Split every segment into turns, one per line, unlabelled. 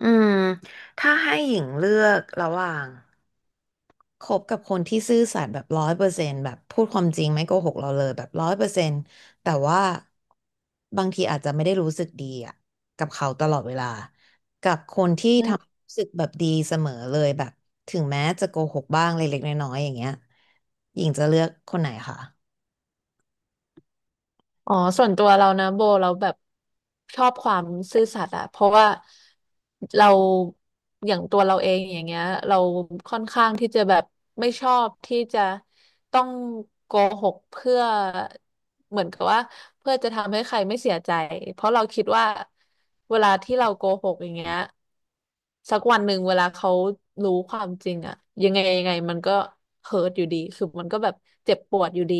อืมถ้าให้หญิงเลือกระหว่างคบกับคนที่ซื่อสัตย์แบบร้อยเปอร์เซ็นต์แบบพูดความจริงไม่โกหกเราเลยแบบร้อยเปอร์เซ็นต์แต่ว่าบางทีอาจจะไม่ได้รู้สึกดีอ่ะกับเขาตลอดเวลากับคนที่
อื
ทำ
ม
ให้รู้สึกแบบดีเสมอเลยแบบถึงแม้จะโกหกบ้างเล็กๆน้อยๆอย่างเงี้ยหญิงจะเลือกคนไหนคะ
อ๋อส่วนตัวเรานะโบเราแบบชอบความซื่อสัตย์อะเพราะว่าเราอย่างตัวเราเองอย่างเงี้ยเราค่อนข้างที่จะแบบไม่ชอบที่จะต้องโกหกเพื่อเหมือนกับว่าเพื่อจะทำให้ใครไม่เสียใจเพราะเราคิดว่าเวลาที่เราโกหกอย่างเงี้ยสักวันหนึ่งเวลาเขารู้ความจริงอะยังไงยังไงมันก็เฮิร์ตอยู่ดีคือมันก็แบบเจ็บปวดอยู่ดี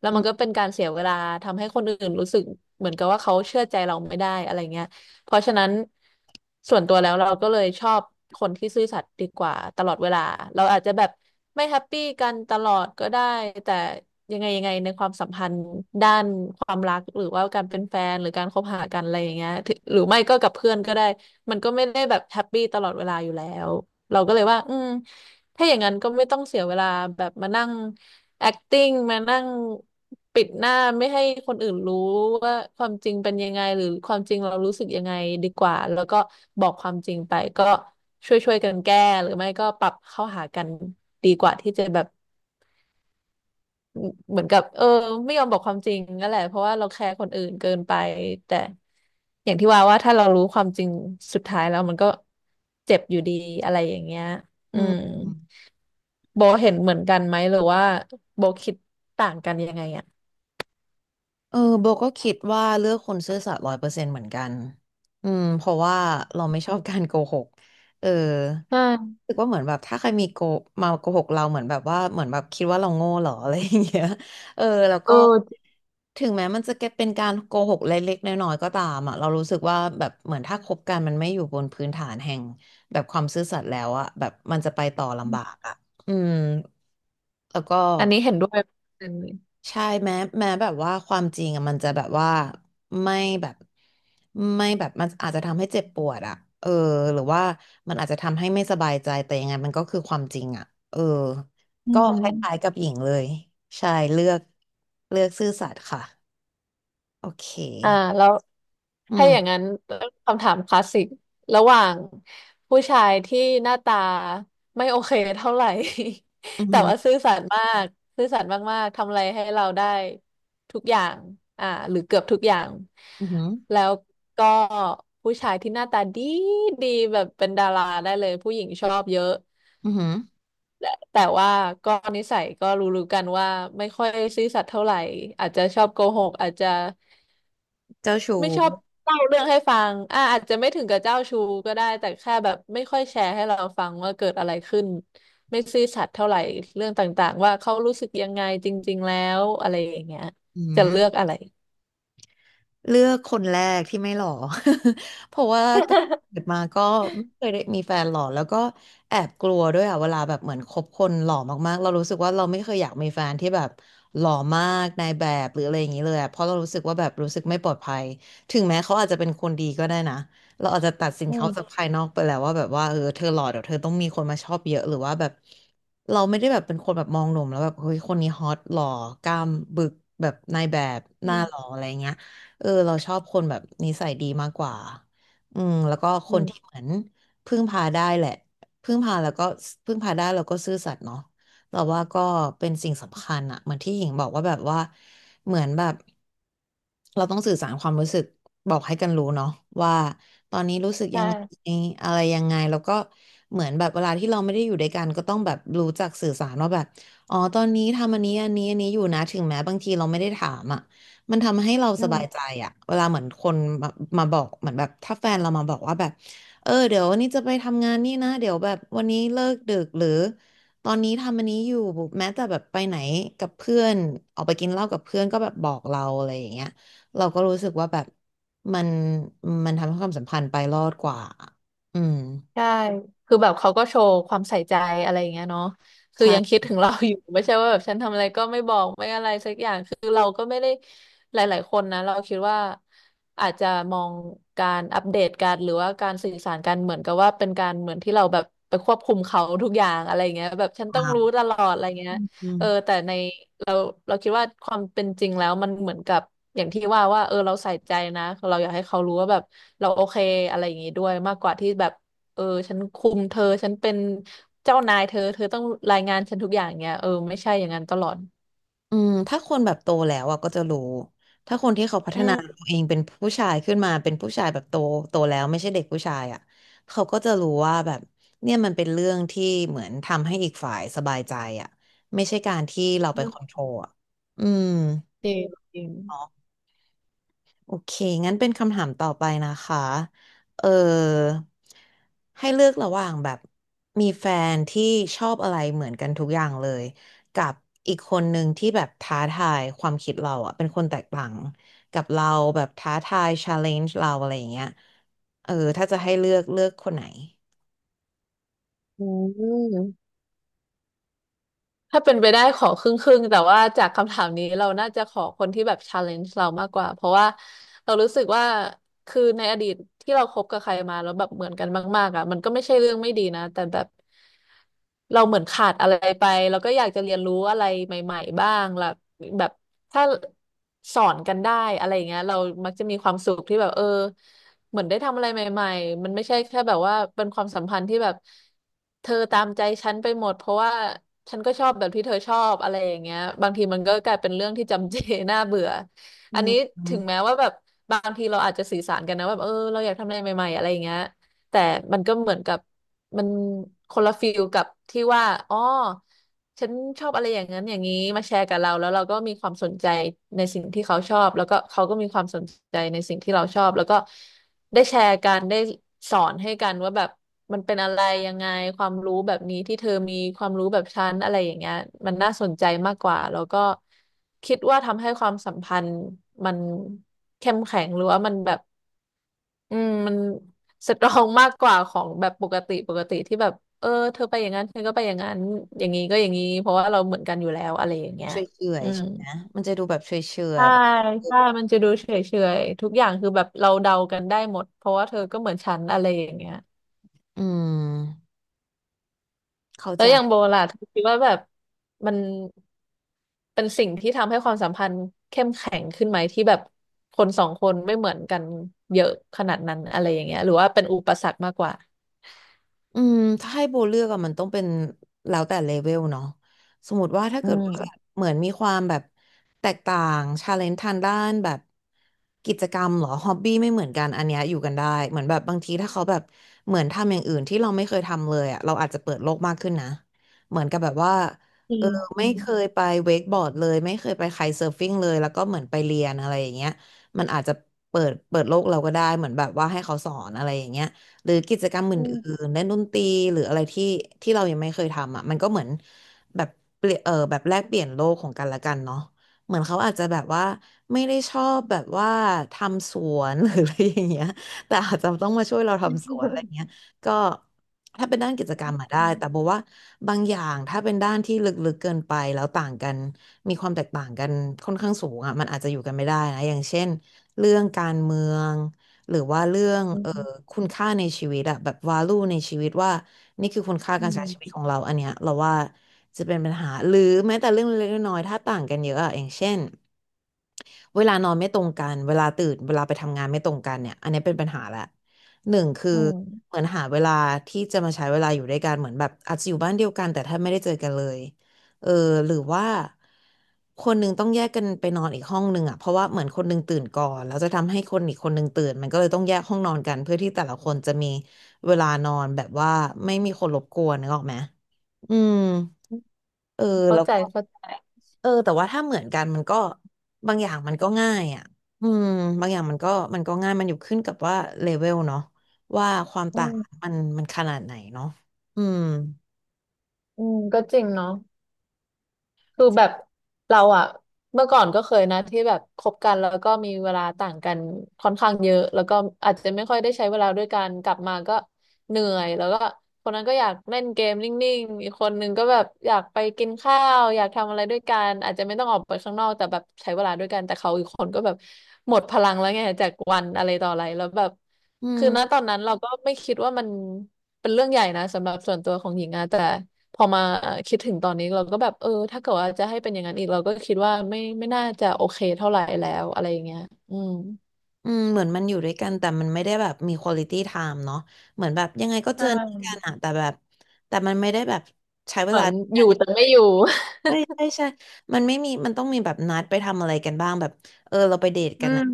แล้ว
อื
มัน
ม
ก็เป็นการเสียเวลาทำให้คนอื่นรู้สึกเหมือนกับว่าเขาเชื่อใจเราไม่ได้อะไรเงี้ยเพราะฉะนั้นส่วนตัวแล้วเราก็เลยชอบคนที่ซื่อสัตย์ดีกว่าตลอดเวลาเราอาจจะแบบไม่แฮปปี้กันตลอดก็ได้แต่ยังไงยังไงในความสัมพันธ์ด้านความรักหรือว่าการเป็นแฟนหรือการคบหากันอะไรอย่างเงี้ยถึหรือไม่ก็กับเพื่อนก็ได้ มันก็ไม่ได้แบบแฮปปี้ตลอดเวลาอยู่แล้ว เราก็เลยว่าอืมถ้าอย่างนั้นก็ไม่ต้องเสียเวลาแบบมานั่ง acting มานั่งปิดหน้าไม่ให้คนอื่นรู้ว่าความจริงเป็นยังไงหรือความจริงเรารู้สึกยังไงดีกว่าแล้วก็บอกความจริงไปก็ช่วยๆกันแก้หรือไม่ก็ปรับเข้าหากันดีกว่าที่จะแบบ เหมือนกับไม่ยอมบอกความจริงนั่นแหละเพราะว่าเราแคร์คนอื่นเกินไปแต่อย่างที่ว่าว่าถ้าเรารู้ความจริงสุดท้ายแล้วมันก็เจ็บอยู่ดีอะไรอย่างเงี้ยอื
อื
ม
ม
โบเห็นเหมือนกันไหมหรือว่าโบคิดต่างกันยังไงอ่ะ
เออโบก็คิดว่าเลือกคนซื่อสัตย์ร้อยเปอร์เซ็นต์เหมือนกันอืมเพราะว่าเราไม่ชอบการโกหกเออ
ใช่
รู้สึกว่าเหมือนแบบถ้าใครมีมาโกหกเราเหมือนแบบว่าเหมือนแบบคิดว่าเราโง่เหรอ อะไรอย่างเงี้ยเออแล้ว
เอ
ก็
อ
ถึงแม้มันจะเป็นการโกหกเล็กๆน้อยๆก็ตามอ่ะเรารู้สึกว่าแบบเหมือนถ้าคบกันมันไม่อยู่บนพื้นฐานแห่งแบบความซื่อสัตย์แล้วอ่ะแบบมันจะไปต่อลำบากอ่ะอืมแล้วก็
อันนี้เห็นด้วยเปอร์เซ็นต์เลย
ใช่แม้แบบว่าความจริงอะมันจะแบบว่าไม่แบบมันอาจจะทำให้เจ็บปวดอะเออหรือว่ามันอาจจะทำให้ไม่สบายใจแต่ยังไงมันก็คือความจริงอะเออ
อื
ก็คล้ายๆ
ม
กับหญิงเลยใช่เลือกเลือกซื่อสัตย์ค่ะโอเค
อ่าแล้ว
อื
ถ้าอย่าง
ม
นั้นคำถามคลาสสิกระหว่างผู้ชายที่หน้าตาไม่โอเคเท่าไหร่
อือ
แต่
หื
ว่า
อ
ซื่อสัตย์มากซื่อสัตย์มากๆทำอะไรให้เราได้ทุกอย่างอ่าหรือเกือบทุกอย่าง
อือหือ
แล้วก็ผู้ชายที่หน้าตาดีดีแบบเป็นดาราได้เลยผู้หญิงชอบเยอะ
อือหือ
แต่ว่าก็นิสัยก็รู้ๆกันว่าไม่ค่อยซื่อสัตย์เท่าไหร่อาจจะชอบโกหกอาจจะ
เจ้าชู้
ไม่ชอบเล่าเรื่องให้ฟังอ่าอาจจะไม่ถึงกับเจ้าชู้ก็ได้ แต่แค่แบบไม่ค่อยแชร์ให้เราฟังว่าเกิดอะไรขึ้น ไม่ซื่อสัตย์เท่าไหร่เรื่องต่างๆว่าเขารู้สึกยังไงจริงๆแล้วอะไรอย่างเงี้ย
อื
จะ
ม
เลือกอะไร
เลือกคนแรกที่ไม่หล่อ เพราะว่าตั้งแต่เกิดมาก็ไม่เคยได้มีแฟนหล่อแล้วก็แอบกลัวด้วยอ่ะเวลาแบบเหมือนคบคนหล่อมากๆเรารู้สึกว่าเราไม่เคยอยากมีแฟนที่แบบหล่อมากนายแบบหรืออะไรอย่างนี้เลยอะเพราะเรารู้สึกว่าแบบรู้สึกไม่ปลอดภัยถึงแม้เขาอาจจะเป็นคนดีก็ได้นะเราอาจจะตัดสิน
อื
เขาจาก
ม
ภายนอกไปแล้วว่าแบบว่าเออเธอหล่อเดี๋ยวเธอต้องมีคนมาชอบเยอะหรือว่าแบบเราไม่ได้แบบเป็นคนแบบมองหนุ่มแล้วแบบเฮ้ยคนนี้ฮอตหล่อกล้ามบึกแบบนายแบบห
อื
น้าหล่อ
ม
อะไรเงี้ย เออเราชอบคนแบบนิสัยดีมากกว่า อืมแล้วก็ค
อื
น
ม
ที่เหมือนพึ่งพาได้แหละพึ่งพาแล้วก็พึ่งพาได้แล้วก็ซื่อสัตย์เนาะเราว่าก็เป็นสิ่งสำคัญอะเหมือนที่หญิงบอกว่าแบบว่าเหมือนแบบเราต้องสื่อสารความรู้สึกบอกให้กันรู้เนาะว่าตอนนี้รู้สึก
ใช
ยังไ
่
งอะไรยังไงแล้วก็เหมือนแบบเวลาที่เราไม่ได้อยู่ด้วยกันก็ต้องแบบรู้จักสื่อสารว่าแบบอ๋อตอนนี้ทำอันนี้อันนี้อันนี้อยู่นะถึงแม้บางทีเราไม่ได้ถามอ่ะ มันทำให้เรา
อื
สบาย
ม
ใจอะเวลาเหมือนคนมามาบอกเหมือนแบบถ้าแฟนเรามาบอกว่าแบบเออเดี๋ยววันนี้จะไปทำงานนี่นะเดี๋ยวแบบวันนี้เลิกดึกหรือตอนนี้ทำอันนี้อยู่แม้แต่แบบไปไหนกับเพื่อนออกไปกินเหล้ากับเพื่อนก็แบบบอกเราอะไรอย่างเงี้ยเราก็รู้สึกว่าแบบมันมันทำให้ความสัมพันธ์ไปรอดกว่าอืม
ใช่ คือแบบเขาก็โชว์ความใส่ใจอะไรอย่างเงี้ยเนาะคือยัง
ใช่
คิดถึงเราอยู่ ไม่ใช่ว่าแบบฉันทำอะไรก็ไม่บอกไม่อะไรสักอย่าง คือเราก็ไม่ได้หลายๆคนนะเราคิดว่าอาจจะมองการอัปเดตการหรือว่าการสื่อสารกันเหมือนกับว่าเป็นการเหมือนที่เราแบบไปควบคุมเขาทุกอย่างอะไรเงี้ยแบบฉันต้อง
ตาม
รู้ตลอดอะไรเงี้ย
อื
เออ
ม
แต่ในเราเราคิดว่าความเป็นจริงแล้วมันเหมือนกับอย่างที่ว่าว่าเออเราใส่ใจนะเราอยากให้เขารู้ว่าแบบเราโอเคอะไรอย่างงี้ด้วยมากกว่าที่แบบ เออฉันคุมเธอฉันเป็นเจ้านายเธอต้องรายงานฉันทุกอย่างเงี้ยเออไม่ใช่อย่างนั้นตลอด
อืมถ้าคนแบบโตแล้วอ่ะก็จะรู้ถ้าคนที่เขาพัฒ
อื
นา
ม
ตัวเองเป็นผู้ชายขึ้นมาเป็นผู้ชายแบบโตโตแล้วไม่ใช่เด็กผู้ชายอ่ะเขาก็จะรู้ว่าแบบเนี่ยมันเป็นเรื่องที่เหมือนทำให้อีกฝ่ายสบายใจอ่ะไม่ใช่การที่เราไปคอนโทรลอ่ะอืม
จริงจริง
โอเค งั้นเป็นคำถามต่อไปนะคะเออให้เลือกระหว่างแบบมีแฟนที่ชอบอะไรเหมือนกันทุกอย่างเลย กับอีกคนหนึ่งที่แบบท้าทายความคิดเราอะเป็นคนแตกต่างกับเราแบบท้าทาย challenge เราอะไรอย่างเงี้ยเออถ้าจะให้เลือกเลือกคนไหน
อืม ถ้าเป็นไปได้ขอครึ่งๆแต่ว่าจากคำถามนี้เราน่าจะขอคนที่แบบ challenge เรามากกว่าเพราะว่าเรารู้สึกว่าคือในอดีตที่เราคบกับใครมาแล้วแบบเหมือนกันมากๆอ่ะมันก็ไม่ใช่เรื่องไม่ดีนะแต่แบบเราเหมือนขาดอะไรไปเราก็อยากจะเรียนรู้อะไรใหม่ๆบ้างล่ะแบบถ้าสอนกันได้อะไรอย่างเงี้ยเรามักจะมีความสุขที่แบบเออ เหมือนได้ทำอะไรใหม่ๆ มันไม่ใช่แค่แบบว่าเป็นความสัมพันธ์ที่แบบเธอตามใจฉันไปหมดเพราะว่าฉันก็ชอบแบบที่เธอชอบอะไรอย่างเงี้ยบางทีมันก็กลายเป็นเรื่องที่จำเจ น่าเบื่อ
อื
อันนี้
ม
ถึงแม้ว่าแบบบางทีเราอาจจะสื่อสารกันนะว่าแบบเออเราอยากทำอะไรใหม่ๆอะไรอย่างเงี้ยแต่มันก็เหมือนกับ มันคนละฟิลกับที่ว่าอ๋อฉันชอบอะไรอย่างนั้นอย่างนี้มาแชร์กับเราแล้วเราก็มีความสนใจในสิ่งที่เขาชอบแล้วก็เขาก็มีความสนใจในสิ่งที่เราชอบแล้วก็ได้แชร์กันได้สอนให้กันว่าแบบมันเป็นอะไรยังไงความรู้แบบนี้ที่เธอมีความรู้แบบฉันอะไรอย่างเงี้ยมันน่าสนใจมากกว่าแล้วก็คิดว่าทำให้ความสัมพันธ์มันเข้มแข็งหรือว่ามันแบบ อืมมันสตรองมากกว่าของแบบปกติปกติที่แบบเออเธอไปอย่างนั้นเธอก็ไปอย่างนั้นอย่างนี้ก็อย่างนี้เพราะว่าเราเหมือนกันอยู่แล้วอะไรอย่างเงี้ย
เฉย
อื
ๆ
ม
ใช่ไหมมันจะดูแบบเฉยๆแบ
ใช่
บ
ใช่มันจะดูเฉยเฉยทุกอย่างคือแบบเราเดากันได้หมดเพราะว่าเธอก็เหมือนฉันอะไรอย่างเงี้ย
อืมเข้า
แล้
ใจ
วอย่างโบล่ะเธอคิดว่าแบบมันเป็นสิ่งที่ทำให้ความสัมพันธ์เข้มแข็งขึ้นไหมที่แบบคนสองคนไม่เหมือนกันเยอะขนาดนั้นอะไรอย่างเงี้ยหรือว่าเป็นอุปสรรคมากกว่า
อืมถ้าให้โบเลือกอะมันต้องเป็นแล้วแต่เลเวลเนาะสมมติว่าถ้า
อื
เกิดว่าแบบ
ม
เหมือนมีความแบบแตกต่างชาเลนจ์ทางด้านแบบกิจกรรมเหรอฮอบบี้ไม่เหมือนกันอันเนี้ยอยู่กันได้เหมือนแบบบางทีถ้าเขาแบบเหมือนทำอย่างอื่นที่เราไม่เคยทำเลยอะเราอาจจะเปิดโลกมากขึ้นนะเหมือนกับแบบว่า
จริ
เออไม่
ง
เคยไปเวกบอร์ดเลยไม่เคยไปไคท์เซิร์ฟฟิ้งเลยแล้วก็เหมือนไปเรียนอะไรอย่างเงี้ยมันอาจจะเปิดโลกเราก็ได้เหมือนแบบว่าให้เขาสอนอะไรอย่างเงี้ย หรือกิจกรรม
อืม
อื่นๆเล่นดนตรีหรืออะไรที่เรายังไม่เคยทำอ่ะมันก็เหมือนแบบเปลี่ยนแบบแลกเปลี่ยนโลกของกันและกันเนาะเหมือนเขาอาจจะแบบว่าไม่ได้ชอบแบบว่าทำสวน หรืออะไรอย่างเงี้ยแต่อาจจะต้องมาช่วยเรา
อ
ทำสวนอะไรเงี้ยก็ถ้าเป็นด้านกิจกรรม
ื
อะได้
ม
แต่บอกว่าบางอย่างถ้าเป็นด้านที่ลึกๆเกินไปแล้วต่างกันมีความแตกต่างกันค่อนข้างสูงอ่ะมันอาจจะอยู่กันไม่ได้นะอย่างเช่นเรื่องการเมือง หรือว่าเรื่อง
อืม
คุณค่าในชีวิตอะแบบ value ในชีวิตว่านี่คือคุณค่าการใช้ชีวิตของเราอันเนี้ยเราว่าจะเป็นปัญหาหรือแม้แต่เรื่องเล็กๆน้อยๆถ้าต่างกันเยอะอะอย่างเช่น เวลานอนไม่ตรงกันเวลาตื่นเวลาไปทำงานไม่ตรงกันเนี่ยอันนี้เป็นปัญหาละหนึ่งคือ
อืม
เหมือนหาเวลาที่จะมาใช้เวลาอยู่ด้วยกันเหมือนแบบอาจจะอยู่บ้านเดียวกันแต่ถ้าไม่ได้เจอกันเลยเออหรือว่าคนหนึ่งต้องแยกกันไปนอนอีกห้องหนึ่งอ่ะเพราะว่าเหมือนคนหนึ่งตื่นก่อนแล้วจะทำให้คนอีกคนหนึ่งตื่นมันก็เลยต้องแยกห้องนอนกันเพื่อที่แต่ละคนจะมีเวลานอนแบบว่าไม่มีคนรบกวนนึกออกไหมอืมเออ
เข้า
แล้ว
ใจ
ก็
เข้าใจ
แต่ว่าถ้าเหมือนกันมันก็บางอย่างมันก็ง่ายอ่ะอืมบางอย่างมันก็มันก็ง่ายมันอยู่ขึ้นกับว่าเลเวลเนาะว่าความ
อื
ต่าง
ม
มันขนาดไหนเนาะอืม
อืมก็จริงเนาะคือแบบเราอะเมื่อก่อนก็เคยนะที่แบบคบกันแล้วก็มีเวลาต่างกันค่อนข้างเยอะแล้วก็อาจจะไม่ค่อยได้ใช้เวลาด้วยกันกลับมาก็เหนื่อยแล้วก็คนนั้นก็อยากเล่นเกมนิ่งๆอีกคนนึงก็แบบอยากไปกินข้าวอยากทำอะไรด้วยกันอาจจะไม่ต้องออกไปข้างนอกแต่แบบใช้เวลาด้วยกันแต่เขาอีกคนก็แบบหมดพลังแล้วไงจากวันอะไรต่ออะไรแล้วแบบ
อื
คือณต
ม
อนนั้นเราก็ไม่คิดว่ามันเป็นเรื่องใหญ่นะสำหรับส่วนตัวของหญิงอะแต่พอมาคิดถึงตอนนี้เราก็แบบถ้าเกิดว่าจะให้เป็นอย่างนั้นอีกเราก็คิดว่าไม่น่าจะโอเคเท่าไหร่แล้วอะไรอย่างเงี้ยอืม
อืมเหมือนมันอยู่ด้วยกันแต่มันไม่ได้แบบมีควอลิตี้ไทม์เนาะเหมือนแบบยังไงก็เจ
ใช่
อหน้ากันอะแต่แบบแต่มันไม่ได้แบบใช้เว
เหมื
ลา
อน
ด้วย
อ
กัน
ยู่แต่ไม่อยู่
ใช่ใช่ใช่มันไม่มีมันต้องมีแบบนัดไปทำอะไรกันบ้างแบบเออเราไปเดท
อื
กันนะ
ม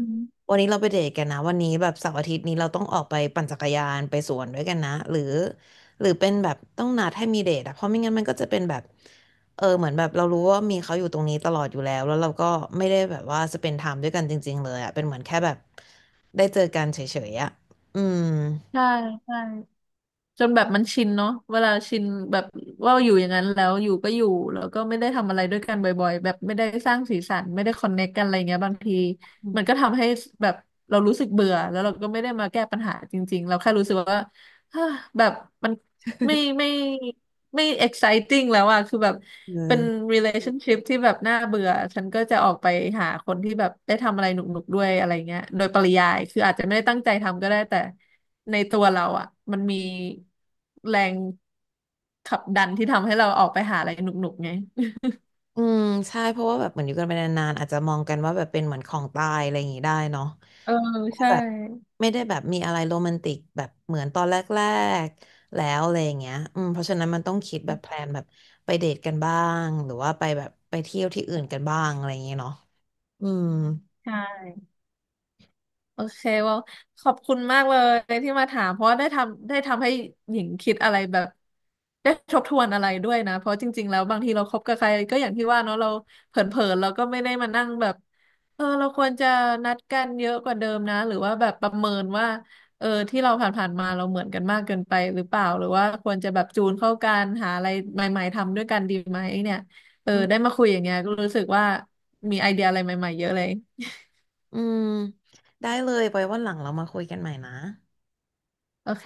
วันนี้เราไปเดทกันนะวันนี้แบบเสาร์อาทิตย์นี้เราต้องออกไปปั่นจักรยานไปสวนด้วยกันนะหรือหรือเป็นแบบต้องนัดให้มีเดทอะเพราะไม่งั้นมันก็จะเป็นแบบเออเหมือนแบบเรารู้ว่ามีเขาอยู่ตรงนี้ตลอดอยู่แล้วแล้วเราก็ไม่ได้แบบว่าสเปนไทม์ด้วยกันจริงๆเลยอะเป็นเหมือนแค่แบบได้เจอกันเฉยๆอะอืม
ใช่ใช่ จนแบบมันชินเนาะเวลาชินแบบว่าอยู่อย่างนั้นแล้วอยู่ก็อยู่แล้วก็ไม่ได้ทำอะไรด้วยกันบ่อยๆแบบไม่ได้สร้างสีสันไม่ได้คอนเน c t กันอะไรเงี้ยบางที
อื
มันก็
ม
ทำให้แบบเรารู้สึกเบื่อแล้วเราก็ไม่ได้มาแก้ปัญหาจริงๆเราแค่รู้สึกว่า แบบมัน ไม่ไม่ไม่ exciting แล้วอะคือแบบเป็
อ
น
อ
relationship ที่แบบน่าเบื่อฉันก็จะออกไปหาคนที่แบบได้ทำอะไรหนุกๆด้วยอะไรเงี้ยโดยปริยาย คืออาจจะไม่ได้ตั้งใจทำก็ได้แต่ในตัวเราอะมันมีแรงขับดันที่ทำให้เราออกไปหาอะไรหนุกๆไง
อืมใช่เพราะว่าแบบเหมือนอยู่กันไปนานๆอาจจะมองกันว่าแบบเป็นเหมือนของตายอะไรอย่างงี้ได้เนาะ
เออใช่
แบบไม่ได้แบบมีอะไรโรแมนติกแบบเหมือนตอนแรกๆแล้วอะไรอย่างเงี้ยอืมเพราะฉะนั้นมันต้องคิดแบบแพลนแบบไปเดทกันบ้าง หรือว่าไปแบบไปเที่ยวที่อื่นกันบ้างอะไรอย่างเงี้ยเนาะอืม
ใช่ โอเคว่าขอบคุณมากเลยที่มาถามเพราะว่าได้ทำให้หญิงคิดอะไรแบบได้ทบทวนอะไรด้วยนะเพราะจริงๆแล้วบางทีเราคบกับใครก็อย่างที่ว่าเนาะเราเผลอๆเราก็ไม่ได้มานั่งแบบเออเราควรจะนัดกันเยอะกว่าเดิมนะหรือว่าแบบประเมินว่าเออที่เราผ่านๆมาเราเหมือนกันมากเกินไปหรือเปล่าหรือว่าควรจะแบบจูนเข้ากันหาอะไรใหม่ๆทำด้วยกันดีไหมเนี่ยเออ
อื
ได้
ม
มาคุยอย่างเงี้ยก็รู้สึกว่ามีไอเดียอะไรใหม่ๆเยอะเลย
อืม ได้เลยไปวันหลังเรามาคุยกันใหม่นะ
โอเค